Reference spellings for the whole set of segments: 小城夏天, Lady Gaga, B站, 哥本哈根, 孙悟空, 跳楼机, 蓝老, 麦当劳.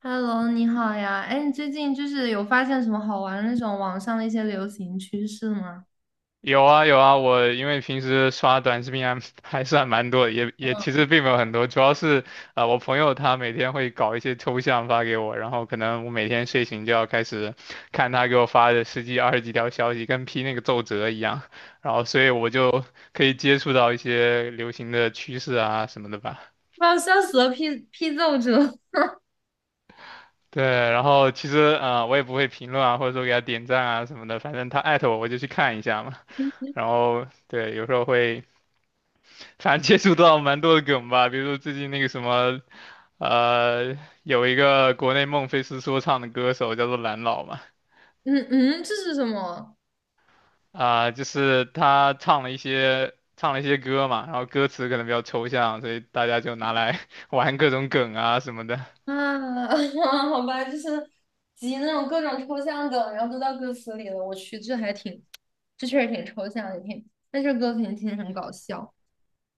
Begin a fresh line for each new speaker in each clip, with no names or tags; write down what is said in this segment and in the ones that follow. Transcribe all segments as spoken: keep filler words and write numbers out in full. Hello，你好呀。哎，你最近就是有发现什么好玩的那种网上的一些流行趋势吗？
有啊有啊，我因为平时刷短视频还 还算蛮多的也也其实并没有很多，主要是啊、呃我朋友他每天会搞一些抽象发给我，然后可能我每天睡醒就要开始看他给我发的十几二十几条消息，跟批那个奏折一样，然后所以我就可以接触到一些流行的趋势啊什么的吧。
哇，笑死了！批批奏折
对，然后其实啊、呃我也不会评论啊，或者说给他点赞啊什么的，反正他艾特我我就去看一下嘛。然 后对，有时候会反正接触到蛮多的梗吧，比如说最近那个什么，呃，有一个国内孟菲斯说唱的歌手叫做蓝老嘛，
嗯嗯，这是什么？
啊、就是他唱了一些唱了一些歌嘛，然后歌词可能比较抽象，所以大家就拿来 玩各种梗啊什么的。
啊，好吧，就是集那种各种抽象梗，然后都到歌词里了。我去，这还挺，这确实挺抽象的，也挺，但是歌定听着很搞笑。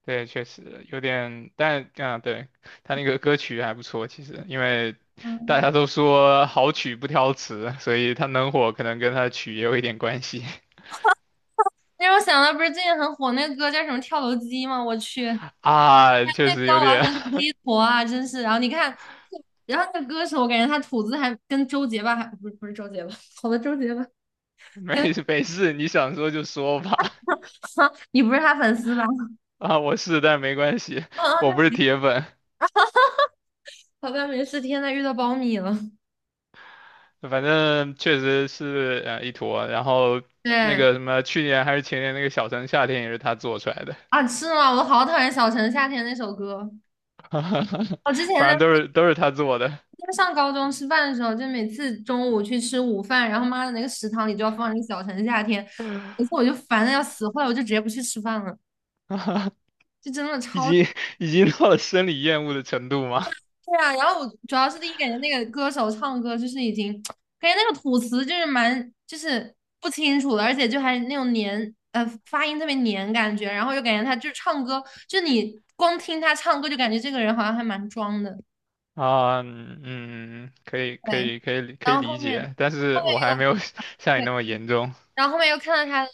对，确实有点，但啊，对，他那个歌曲还不错，其实因为
嗯，
大家都说好曲不挑词，所以他能火可能跟他的曲也有一点关系。
那让我想到不是最近很火那个歌叫什么《跳楼机》吗？我去，那
啊，确实有
歌完
点。
全是一坨啊，真是。然后你看，然后那个歌手，我感觉他吐字还跟周杰吧，还不是不是周杰吧，好的周杰吧，跟
没没事，你想说就说吧。
你不是他粉丝吧？
啊，我是，但没关系，
啊嗯，
我
那
不是
没
铁粉，
好像没事。天呐，遇到苞米了。
反正确实是啊一坨。然后那
对
个什么，去年还是前年那个《小城夏天》也是他做出来的，
啊，是吗？我好讨厌小城夏天那首歌。我之前呢，
反正都是都是他做的，
就上高中吃饭的时候，就每次中午去吃午饭，然后妈的那个食堂里就要放那个小城夏天，每次我就烦的要死，后来我就直接不去吃饭了，就真的
已
超
经已经到了生理厌恶的程度吗？
对啊，然后我主要是第一感觉那个歌手唱歌就是已经，感觉那个吐词就是蛮就是不清楚的，而且就还那种黏呃发音特别黏感觉，然后又感觉他就是唱歌，就你光听他唱歌就感觉这个人好像还蛮装的，
啊，嗯，嗯可以可
对，
以可以可
然
以
后
理
后面又
解，但是我还没有 像你
对，
那么严重。
然后后面又看到他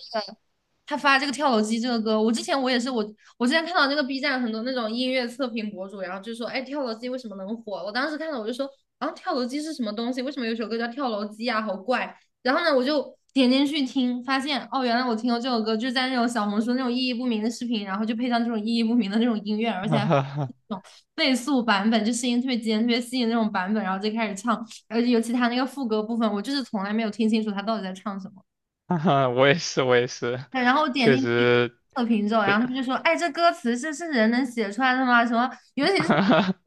他发这个跳楼机这个歌，我之前我也是我我之前看到那个 B 站很多那种音乐测评博主，然后就说，哎，跳楼机为什么能火？我当时看到我就说，啊，跳楼机是什么东西？为什么有首歌叫跳楼机啊？好怪。然后呢，我就点进去听，发现哦，原来我听过这首歌，就是在那种小红书那种意义不明的视频，然后就配上这种意义不明的那种音乐，而且还。那种倍速版本，就声音特别尖、特别细的那种版本，然后就开始唱，而且尤其他那个副歌部分，我就是从来没有听清楚他到底在唱什么。
哈哈哈我也是，我也是，
对然后我点
确
进去
实，
测评之后，然后
对，
他们就说："哎，这歌词这是人能写出来的吗？什么，尤其是怎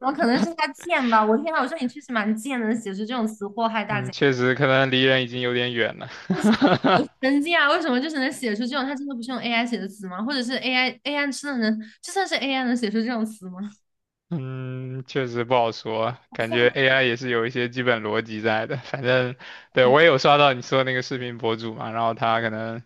么 可能是他贱吧？我天呐，我说你确实蛮贱的，能写出这种词祸害大
嗯，
家。
确实可能离人已经有点远了。
我说我神经啊！为什么就是能写出这种？他真的不是用 AI 写的词吗？或者是 AI AI 真的能，就算是 AI 能写出这种词吗？
嗯，确实不好说，感觉 A I 也是有一些基本逻辑在的。反正，对，我也有刷到你说的那个视频博主嘛，然后他可能啊、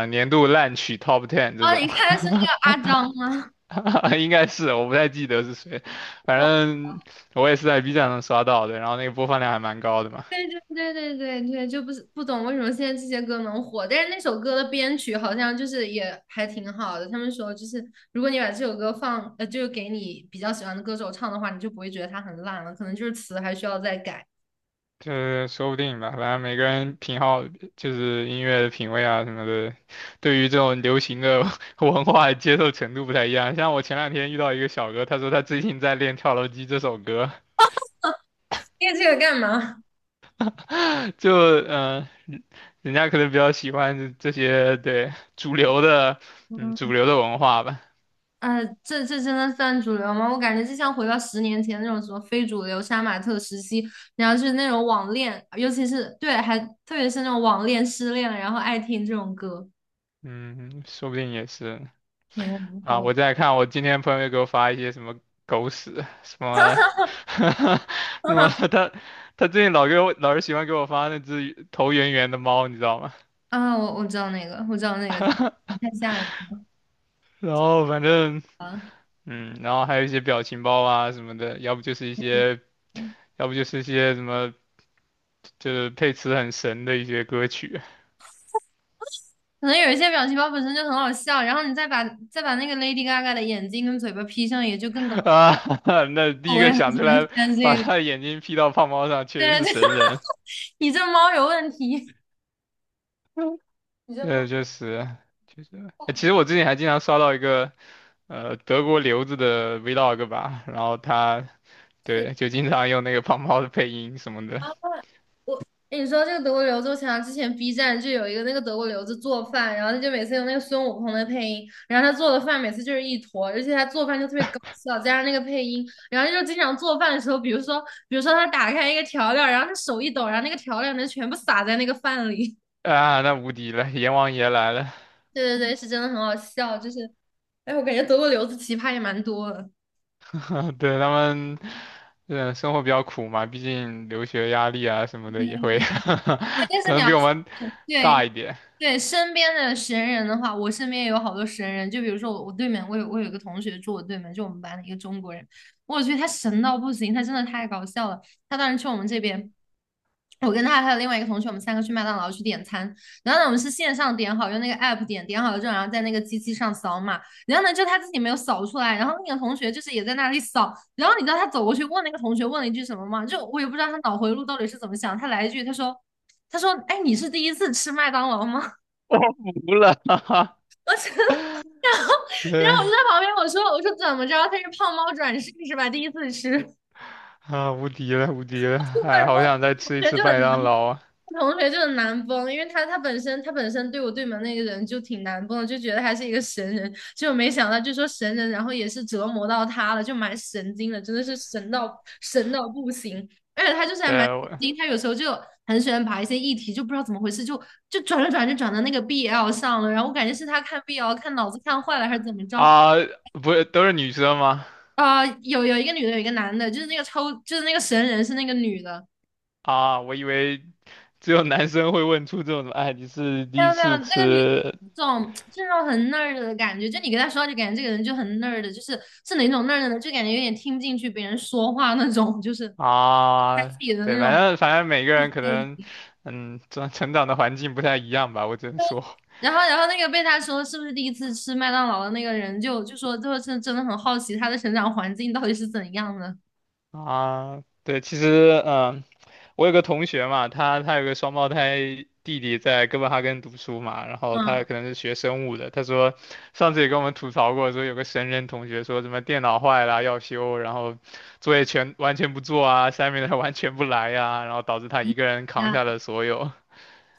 呃年度烂曲 Top Ten 这
啊！你
种。
后一看是那个阿张吗？
应该是我不太记得是谁，反正我也是在 B 站上刷到的，然后那个播放量还蛮高的嘛。
对对对对对对，就不是不懂为什么现在这些歌能火，但是那首歌的编曲好像就是也还挺好的。他们说就是，如果你把这首歌放，呃，就是给你比较喜欢的歌手唱的话，你就不会觉得它很烂了，可能就是词还需要再改。
就是说不定吧，反正每个人品好，就是音乐的品味啊什么的，对于这种流行的 文化的接受程度不太一样。像我前两天遇到一个小哥，他说他最近在练《跳楼机》这首歌。
练这个干嘛？
就嗯、呃人家可能比较喜欢这这些对主流的，嗯，主
嗯，
流的文化吧，
呃，这这真的算主流吗？我感觉就像回到十年前那种什么非主流、杀马特时期，然后是那种网恋，尤其是对，还特别是那种网恋、失恋，然后爱听这种歌。
嗯，说不定也是。
天呐，
啊，
好。
我在看，我今天朋友又给我发一些什么狗屎，什么，什么他他最近老给我老是喜欢给我发那只头圆圆的猫，你知道吗？
啊，我我知道那个，我知道那个，太吓人
然后反正
了。
嗯，然后还有一些表情包啊什么的，要不就是一些，
对，
要不就是一些什么，就是配词很神的一些歌曲。
可能有一些表情包本身就很好笑，然后你再把再把那个 Lady Gaga 的眼睛跟嘴巴 P 上，也就更搞 笑。
啊。那第一
我也
个
很
想
喜
出
欢
来
看
把
这个。
他的眼睛 P 到胖猫上，确实
对
是
对，
神 人。
你这猫有问题，你这猫。
对，就是，确实。哎其实我之前还经常刷到一个。呃德国留子的 vlog 吧，然后他对就经常用那个胖猫的配音什么的。
哎，你说这个德国留子，我想到之前 B 站就有一个那个德国留子做饭，然后他就每次用那个孙悟空的配音，然后他做的饭每次就是一坨，而且他做饭就特别搞笑，加上那个配音，然后就经常做饭的时候，比如说比如说他打开一个调料，然后他手一抖，然后那个调料能全部撒在那个饭里。
啊，那无敌了，阎王爷来了。
对对对，是真的很好笑，就是哎，我感觉德国留子奇葩也蛮多的。
对他们，嗯，生活比较苦嘛，毕竟留学压力啊什么的也
对，
会，
但 是
可
你
能
要
比我
说
们
对。
大一点。
对身边的神人的话，我身边也有好多神人。就比如说我，我对面，我有我有一个同学住我对面，就我们班的一个中国人，我去，他神到不行，他真的太搞笑了。他当时去我们这边，我跟他还有另外一个同学，我们三个去麦当劳去点餐。然后呢，我们是线上点好，用那个 app 点，点好了之后，然后在那个机器上扫码。然后呢，就他自己没有扫出来，然后那个同学就是也在那里扫。然后你知道他走过去问那个同学问了一句什么吗？就我也不知道他脑回路到底是怎么想，他来一句，他说。他说："哎，你是第一次吃麦当劳吗？"
我服了。哈哈，
然
对
后我就在旁边，我说我说怎么着，他是胖猫转世是吧？第一次吃，
啊，无敌了，无敌了，哎，
然后
好想再
同
吃一
学
次
就很
麦
难，
当劳啊！
同学就很难崩，因为他他本身他本身对我对门那个人就挺难崩的，就觉得他是一个神人，结果没想到就说神人，然后也是折磨到他了，就蛮神经的，真的是神到神到不行，而且他就是还
对
蛮神
我
经，他有时候就很喜欢把一些议题就不知道怎么回事，就就转着转着转到那个 B L 上了，然后我感觉是他看 B L 看脑子看坏了还是怎么着，
啊，不是都是女生吗？
啊，有有一个女的，有一个男的，就是那个抽，就是那个神人是那个女的，
啊，我以为只有男生会问出这种什么哎，你是
没
第一
有没有，
次
那个女
吃
这种就是那种很 nerd 的感觉，就你跟她说话就感觉这个人就很 nerd，就是是哪种 nerd 呢？就感觉有点听不进去别人说话那种，就是他自
啊？
己的
对，
那
反
种。
正反正每个人可能，
嗯，
嗯，成成长的环境不太一样吧，我只能说
然后然后那个被他说是不是第一次吃麦当劳的那个人就就说，就是真的很好奇他的成长环境到底是怎样的。
啊，对，其实嗯、我有个同学嘛，他他有个双胞胎弟弟在哥本哈根读书嘛，然后他
嗯
可能是学生物的。他说上次也跟我们吐槽过，说有个神人同学说什么电脑坏了要修，然后作业全完全不做啊下面的 i 完全不来呀、然后导致他一个人扛
呀，
下了所有。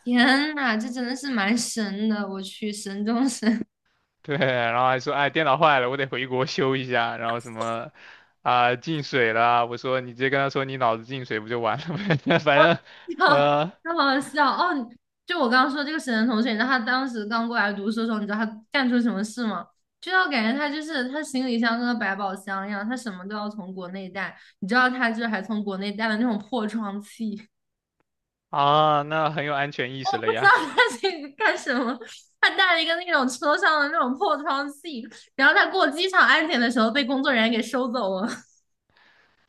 天呐，这真的是蛮神的，我去，神中神。
对，然后还说哎电脑坏了，我得回国修一下，然后什么啊、进水了，我说你直接跟他说你脑子进水不就完了呗。反正
笑，
呃
太好笑哦！就我刚刚说这个沈腾同学，你知道他当时刚过来读书的时候，你知道他干出什么事吗？就是我感觉他就是他行李箱跟个百宝箱一样，他什么都要从国内带。你知道他就是还从国内带了那种破窗器，
啊那很有安全 意识
我不
了
知道
呀。
他这个干什么。他带了一个那种车上的那种破窗器，然后他过机场安检的时候被工作人员给收走了。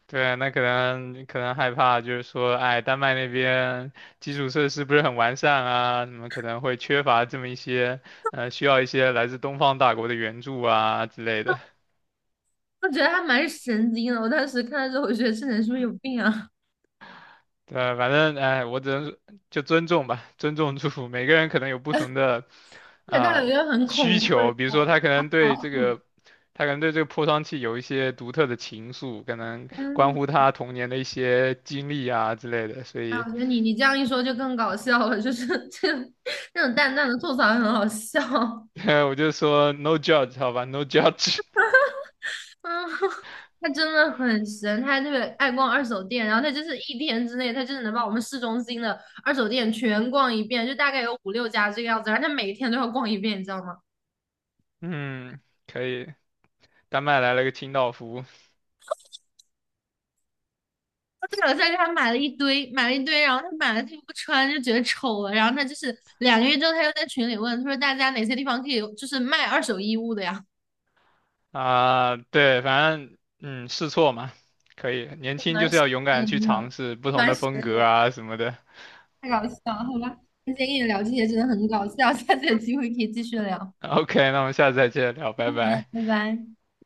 对，那可能可能害怕，就是说，哎，丹麦那边基础设施不是很完善啊，你们可能会缺乏这么一些，呃，需要一些来自东方大国的援助啊之类的。
我觉得他蛮神经的，我当时看到之后，我觉得这人是不是有病啊？
对，反正哎，我只能说就尊重吧，尊重祝福。每个人可能有不同的
而且他
啊、
有一
呃
个很
需
恐怖
求，比如说
的。
他可 能
好
对这个，他可能对这个破窗器有一些独特的情愫，可能关
嗯，
乎他童年的一些经历啊之类的，所
哎，
以。
我觉得你你这样一说就更搞笑了，就是 这那种淡淡的吐槽很好笑。
我就说 no judge 好吧，no judge。
嗯，他真的很神，他还特别爱逛二手店，然后他就是一天之内，他就是能把我们市中心的二手店全逛一遍，就大概有五六家这个样子，然后他每一天都要逛一遍，你知道吗？
嗯，可以。丹麦来了个清道夫。
他了，个在他买了一堆，买了一堆，然后他买了他又不穿，就觉得丑了，然后他就是两个月之后，他又在群里问，他说大家哪些地方可以就是卖二手衣物的呀？
啊，对，反正嗯，试错嘛，可以。年 轻就
蛮
是
神
要勇敢地去
的，
尝试不同
蛮
的
神
风格啊什么的。
太搞笑了，好吧，今天跟你聊这些真的很搞笑，下次有机会可以继续聊，好
OK,那我们下次再接着聊，拜
的，
拜。
拜拜。